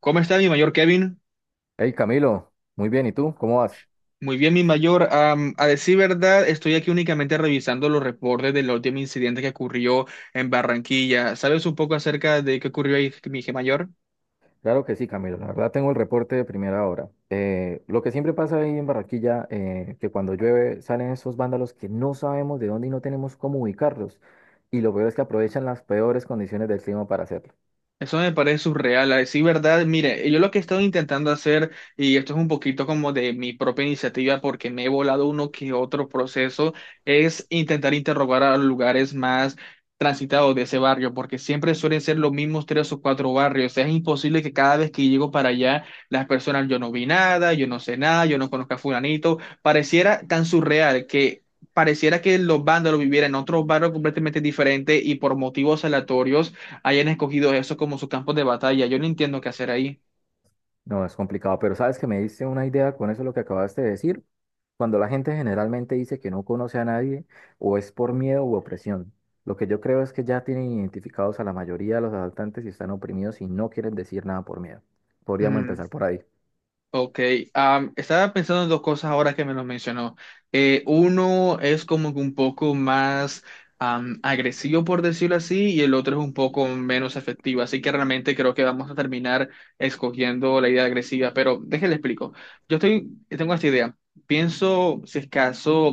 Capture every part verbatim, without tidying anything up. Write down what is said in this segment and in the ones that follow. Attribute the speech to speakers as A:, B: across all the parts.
A: ¿Cómo está mi mayor Kevin?
B: Hey Camilo, muy bien, ¿y tú? ¿Cómo vas?
A: Muy bien, mi mayor. Am, a decir verdad, estoy aquí únicamente revisando los reportes del último incidente que ocurrió en Barranquilla. ¿Sabes un poco acerca de qué ocurrió ahí, mi mayor?
B: Claro que sí, Camilo, la verdad tengo el reporte de primera hora. Eh, lo que siempre pasa ahí en Barranquilla, eh, que cuando llueve salen esos vándalos que no sabemos de dónde y no tenemos cómo ubicarlos. Y lo peor es que aprovechan las peores condiciones del clima para hacerlo.
A: Eso me parece surreal, a decir verdad. Mire, yo lo que he estado intentando hacer, y esto es un poquito como de mi propia iniciativa porque me he volado uno que otro proceso, es intentar interrogar a los lugares más transitados de ese barrio, porque siempre suelen ser los mismos tres o cuatro barrios. Es imposible que cada vez que llego para allá, las personas, yo no vi nada, yo no sé nada, yo no conozco a fulanito. Pareciera tan surreal que... Pareciera que los vándalos vivieran en otros barrios completamente diferentes y por motivos aleatorios hayan escogido eso como sus campos de batalla. Yo no entiendo qué hacer ahí.
B: No, es complicado, pero sabes que me diste una idea con eso lo que acabaste de decir. Cuando la gente generalmente dice que no conoce a nadie, o es por miedo u opresión. Lo que yo creo es que ya tienen identificados a la mayoría de los asaltantes y están oprimidos y no quieren decir nada por miedo. Podríamos
A: Mm.
B: empezar por ahí.
A: Ok. Am, estaba pensando en dos cosas ahora que me lo mencionó. Eh, uno es como que un poco más am, agresivo, por decirlo así, y el otro es un poco menos efectivo. Así que realmente creo que vamos a terminar escogiendo la idea agresiva, pero déjale explico. Yo estoy, tengo esta idea. Pienso, si es caso,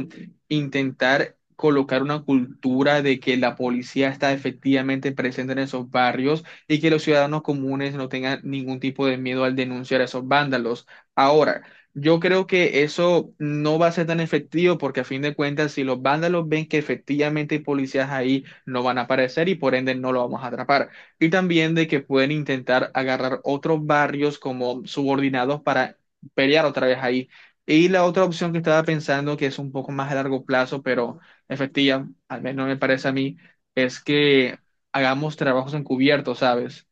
A: intentar colocar una cultura de que la policía está efectivamente presente en esos barrios y que los ciudadanos comunes no tengan ningún tipo de miedo al denunciar a esos vándalos. Ahora, yo creo que eso no va a ser tan efectivo porque a fin de cuentas, si los vándalos ven que efectivamente hay policías ahí, no van a aparecer y por ende no lo vamos a atrapar. Y también de que pueden intentar agarrar otros barrios como subordinados para pelear otra vez ahí. Y la otra opción que estaba pensando, que es un poco más a largo plazo, pero efectiva, al menos me parece a mí, es que hagamos trabajos encubiertos, ¿sabes?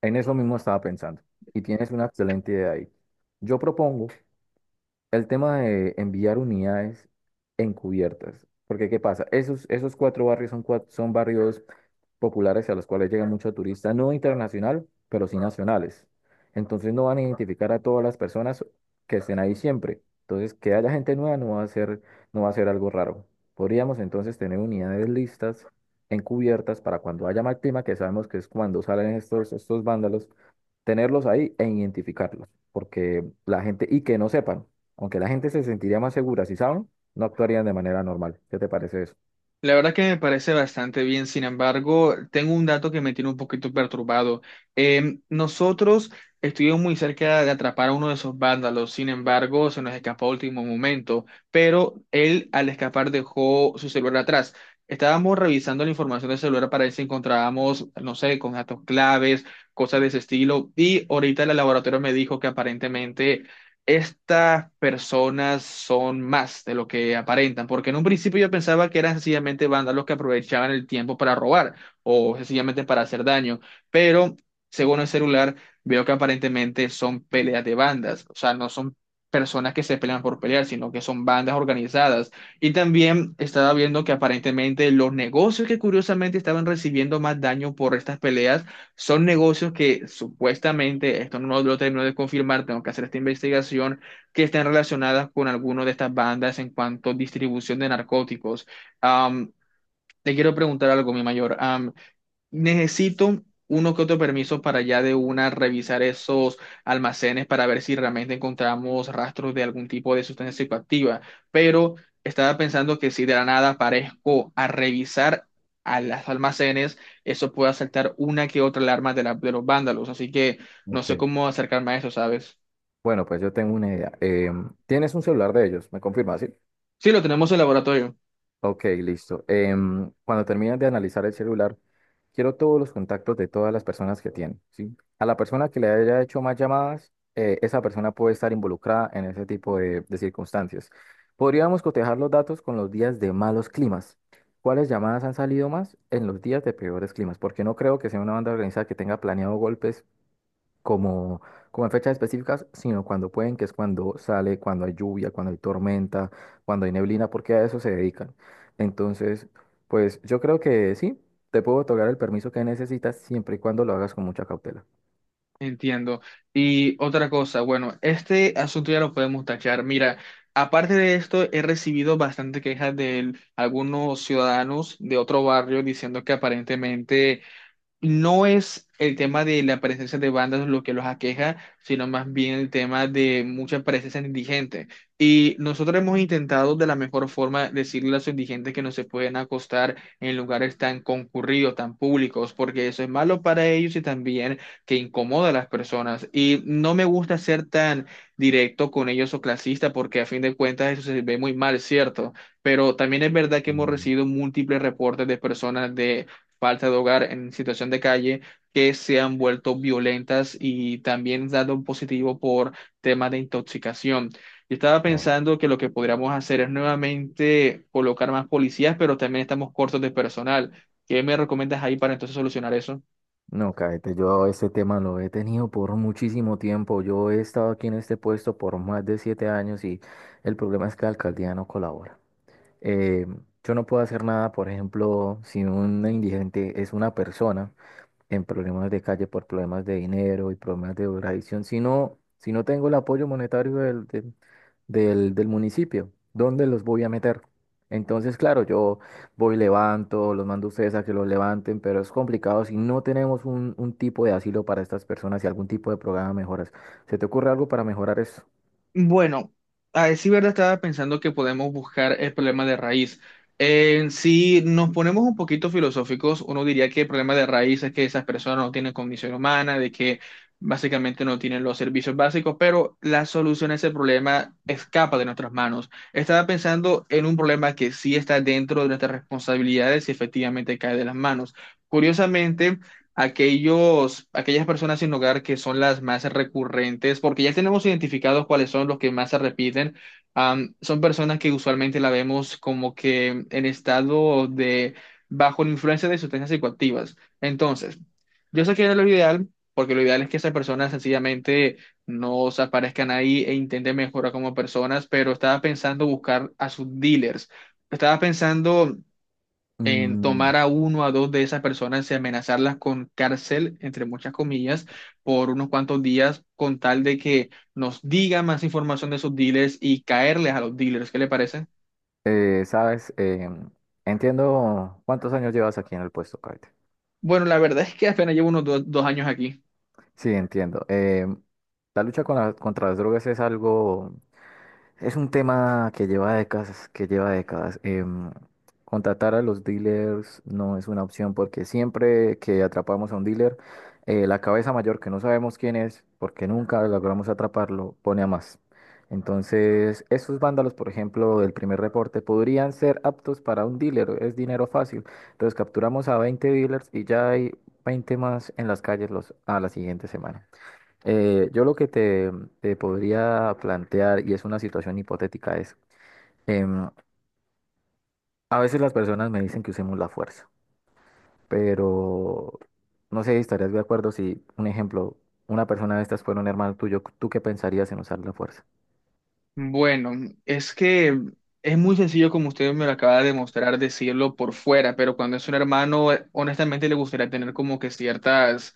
B: En eso mismo estaba pensando, y tienes una excelente idea ahí. Yo propongo el tema de enviar unidades encubiertas. Porque, ¿qué pasa? Esos, esos cuatro barrios son, cua- son barrios populares a los cuales llega mucho turista, no internacional, pero sí nacionales. Entonces no van a identificar a todas las personas que estén ahí siempre. Entonces, que haya gente nueva no va a ser, no va a ser algo raro. Podríamos entonces tener unidades listas, encubiertas, para cuando haya mal clima, que sabemos que es cuando salen estos, estos vándalos, tenerlos ahí e identificarlos. Porque la gente, y que no sepan. Aunque la gente se sentiría más segura si saben, no actuarían de manera normal. ¿Qué te parece eso?
A: La verdad que me parece bastante bien, sin embargo, tengo un dato que me tiene un poquito perturbado. Eh, nosotros estuvimos muy cerca de atrapar a uno de esos vándalos, sin embargo, se nos escapó a último momento, pero él al escapar dejó su celular atrás. Estábamos revisando la información del celular para ver si encontrábamos, no sé, con datos claves, cosas de ese estilo, y ahorita el laboratorio me dijo que aparentemente estas personas son más de lo que aparentan, porque en un principio yo pensaba que eran sencillamente vándalos que aprovechaban el tiempo para robar o sencillamente para hacer daño, pero según el celular veo que aparentemente son peleas de bandas, o sea, no son personas que se pelean por pelear, sino que son bandas organizadas. Y también estaba viendo que aparentemente los negocios que curiosamente estaban recibiendo más daño por estas peleas son negocios que supuestamente, esto no lo termino de confirmar, tengo que hacer esta investigación, que están relacionadas con alguna de estas bandas en cuanto a distribución de narcóticos. Am, Te quiero preguntar algo, mi mayor. Am, Necesito uno que otro permiso para ya de una revisar esos almacenes para ver si realmente encontramos rastros de algún tipo de sustancia psicoactiva, pero estaba pensando que si de la nada aparezco a revisar a los almacenes, eso puede saltar una que otra alarma de, la- de los vándalos, así que no sé
B: Ok.
A: cómo acercarme a eso, ¿sabes?
B: Bueno, pues yo tengo una idea. Em, tienes un celular de ellos, me confirmas, ¿sí?
A: Sí, lo tenemos en el laboratorio.
B: Ok, listo. Em, cuando termines de analizar el celular, quiero todos los contactos de todas las personas que tiene, ¿sí? A la persona que le haya hecho más llamadas, eh, esa persona puede estar involucrada en ese tipo de, de circunstancias. Podríamos cotejar los datos con los días de malos climas. ¿Cuáles llamadas han salido más en los días de peores climas? Porque no creo que sea una banda organizada que tenga planeado golpes como, como en fechas específicas, sino cuando pueden, que es cuando sale, cuando hay lluvia, cuando hay tormenta, cuando hay neblina, porque a eso se dedican. Entonces, pues yo creo que sí, te puedo otorgar el permiso que necesitas siempre y cuando lo hagas con mucha cautela.
A: Entiendo. Y otra cosa, bueno, este asunto ya lo podemos tachar. Mira, aparte de esto, he recibido bastante quejas de algunos ciudadanos de otro barrio diciendo que aparentemente no es el tema de la presencia de bandas lo que los aqueja, sino más bien el tema de mucha presencia indigente. Y nosotros hemos intentado de la mejor forma decirle a los indigentes que no se pueden acostar en lugares tan concurridos, tan públicos, porque eso es malo para ellos y también que incomoda a las personas. Y no me gusta ser tan directo con ellos o clasista, porque a fin de cuentas eso se ve muy mal, ¿cierto? Pero también es verdad que hemos
B: Mm,
A: recibido múltiples reportes de personas de falta de hogar, en situación de calle, que se han vuelto violentas y también dado un positivo por temas de intoxicación. Yo estaba
B: Eh,
A: pensando que lo que podríamos hacer es nuevamente colocar más policías, pero también estamos cortos de personal. ¿Qué me recomiendas ahí para entonces solucionar eso?
B: No, cállate, yo ese tema lo he tenido por muchísimo tiempo. Yo he estado aquí en este puesto por más de siete años y el problema es que la alcaldía no colabora. Eh, yo no puedo hacer nada, por ejemplo, si un indigente es una persona en problemas de calle por problemas de dinero y problemas de drogadicción, si no, si no tengo el apoyo monetario del, del, del- del municipio, ¿dónde los voy a meter? Entonces, claro, yo voy, levanto, los mando a ustedes a que los levanten, pero es complicado si no tenemos un, un tipo de asilo para estas personas y algún tipo de programa de mejoras. ¿Se te ocurre algo para mejorar eso?
A: Bueno, a decir verdad, estaba pensando que podemos buscar el problema de raíz. Eh, si nos ponemos un poquito filosóficos, uno diría que el problema de raíz es que esas personas no tienen condición humana, de que básicamente no tienen los servicios básicos, pero la solución a ese problema escapa de nuestras manos. Estaba pensando en un problema que sí está dentro de nuestras responsabilidades y efectivamente cae de las manos. Curiosamente, aquellos, aquellas personas sin hogar que son las más recurrentes, porque ya tenemos identificados cuáles son los que más se repiten. Am, son personas que usualmente la vemos como que en estado de bajo la influencia de sustancias psicoactivas. Entonces, yo sé que no es lo ideal, porque lo ideal es que esas personas sencillamente no se aparezcan ahí e intenten mejorar como personas, pero estaba pensando buscar a sus dealers. Estaba pensando en
B: Mm,
A: tomar a uno o a dos de esas personas y amenazarlas con cárcel, entre muchas comillas, por unos cuantos días, con tal de que nos diga más información de sus dealers y caerles a los dealers. ¿Qué le parece?
B: eh, sabes, Em, entiendo cuántos años llevas aquí en el puesto, Kate.
A: Bueno, la verdad es que apenas llevo unos dos, dos años aquí.
B: Sí, entiendo. Eh, la lucha con la- contra las drogas es algo, es un tema que lleva décadas, que lleva décadas. Em, contratar a los dealers no es una opción porque siempre que atrapamos a un dealer, eh, la cabeza mayor que no sabemos quién es, porque nunca logramos atraparlo, pone a más. Entonces, esos vándalos, por ejemplo, del primer reporte, podrían ser aptos para un dealer, es dinero fácil. Entonces, capturamos a veinte dealers y ya hay veinte más en las calles los, a la siguiente semana. Eh, yo lo que te, te podría plantear, y es una situación hipotética, es, em, a veces las personas me dicen que usemos la fuerza, pero no sé, si estarías de acuerdo si, un ejemplo, una persona de estas fuera un hermano tuyo, ¿tú qué pensarías en usar la fuerza?
A: Bueno, es que es muy sencillo, como usted me lo acaba de demostrar, decirlo por fuera, pero cuando es un hermano, eh, honestamente le gustaría tener como que ciertas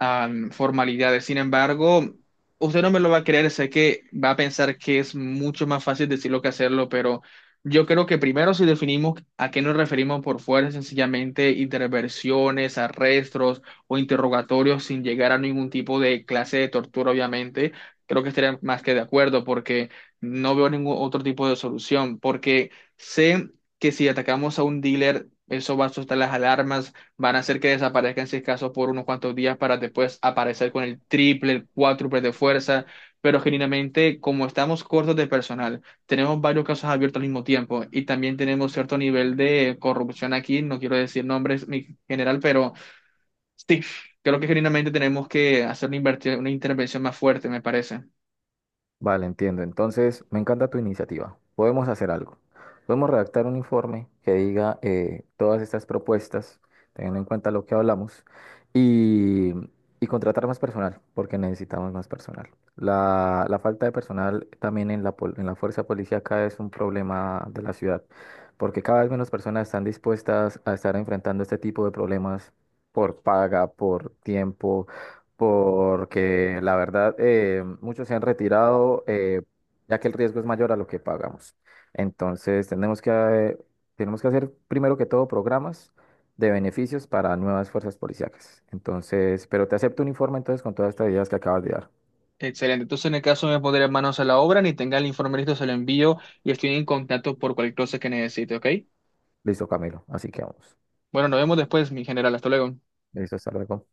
A: um, formalidades. Sin embargo, usted no me lo va a creer, sé que va a pensar que es mucho más fácil decirlo que hacerlo, pero yo creo que primero si definimos a qué nos referimos por fuera, sencillamente interversiones, arrestos o interrogatorios sin llegar a ningún tipo de clase de tortura, obviamente, creo que estaría más que de acuerdo porque no veo ningún otro tipo de solución, porque sé que si atacamos a un dealer, eso va a soltar las alarmas, van a hacer que desaparezcan si es caso por unos cuantos días para después aparecer con el triple, el cuádruple de fuerza, pero genuinamente como estamos cortos de personal, tenemos varios casos abiertos al mismo tiempo y también tenemos cierto nivel de corrupción aquí, no quiero decir nombres, mi general, pero sí, creo que genuinamente tenemos que hacer una, inverti- una intervención más fuerte, me parece.
B: Vale, entiendo. Entonces, me encanta tu iniciativa. Podemos hacer algo. Podemos redactar un informe que diga eh, todas estas propuestas, teniendo en cuenta lo que hablamos, y, y contratar más personal, porque necesitamos más personal. La, la falta de personal también en la, pol- en la fuerza policíaca es un problema de la ciudad, porque cada vez menos personas están dispuestas a estar enfrentando este tipo de problemas por paga, por tiempo, porque la verdad eh, muchos se han retirado, eh, ya que el riesgo es mayor a lo que pagamos. Entonces tenemos que, eh, tenemos que hacer primero que todo programas de beneficios para nuevas fuerzas policiacas. Entonces, pero te acepto un informe entonces con todas estas ideas que acabas de dar.
A: Excelente. Entonces, en el caso me pondré manos a la obra, ni tenga el informe listo, se lo envío y estoy en contacto por cualquier cosa que necesite, ¿ok?
B: Listo, Camilo. Así que vamos.
A: Bueno, nos vemos después, mi general. Hasta luego.
B: Listo, hasta luego.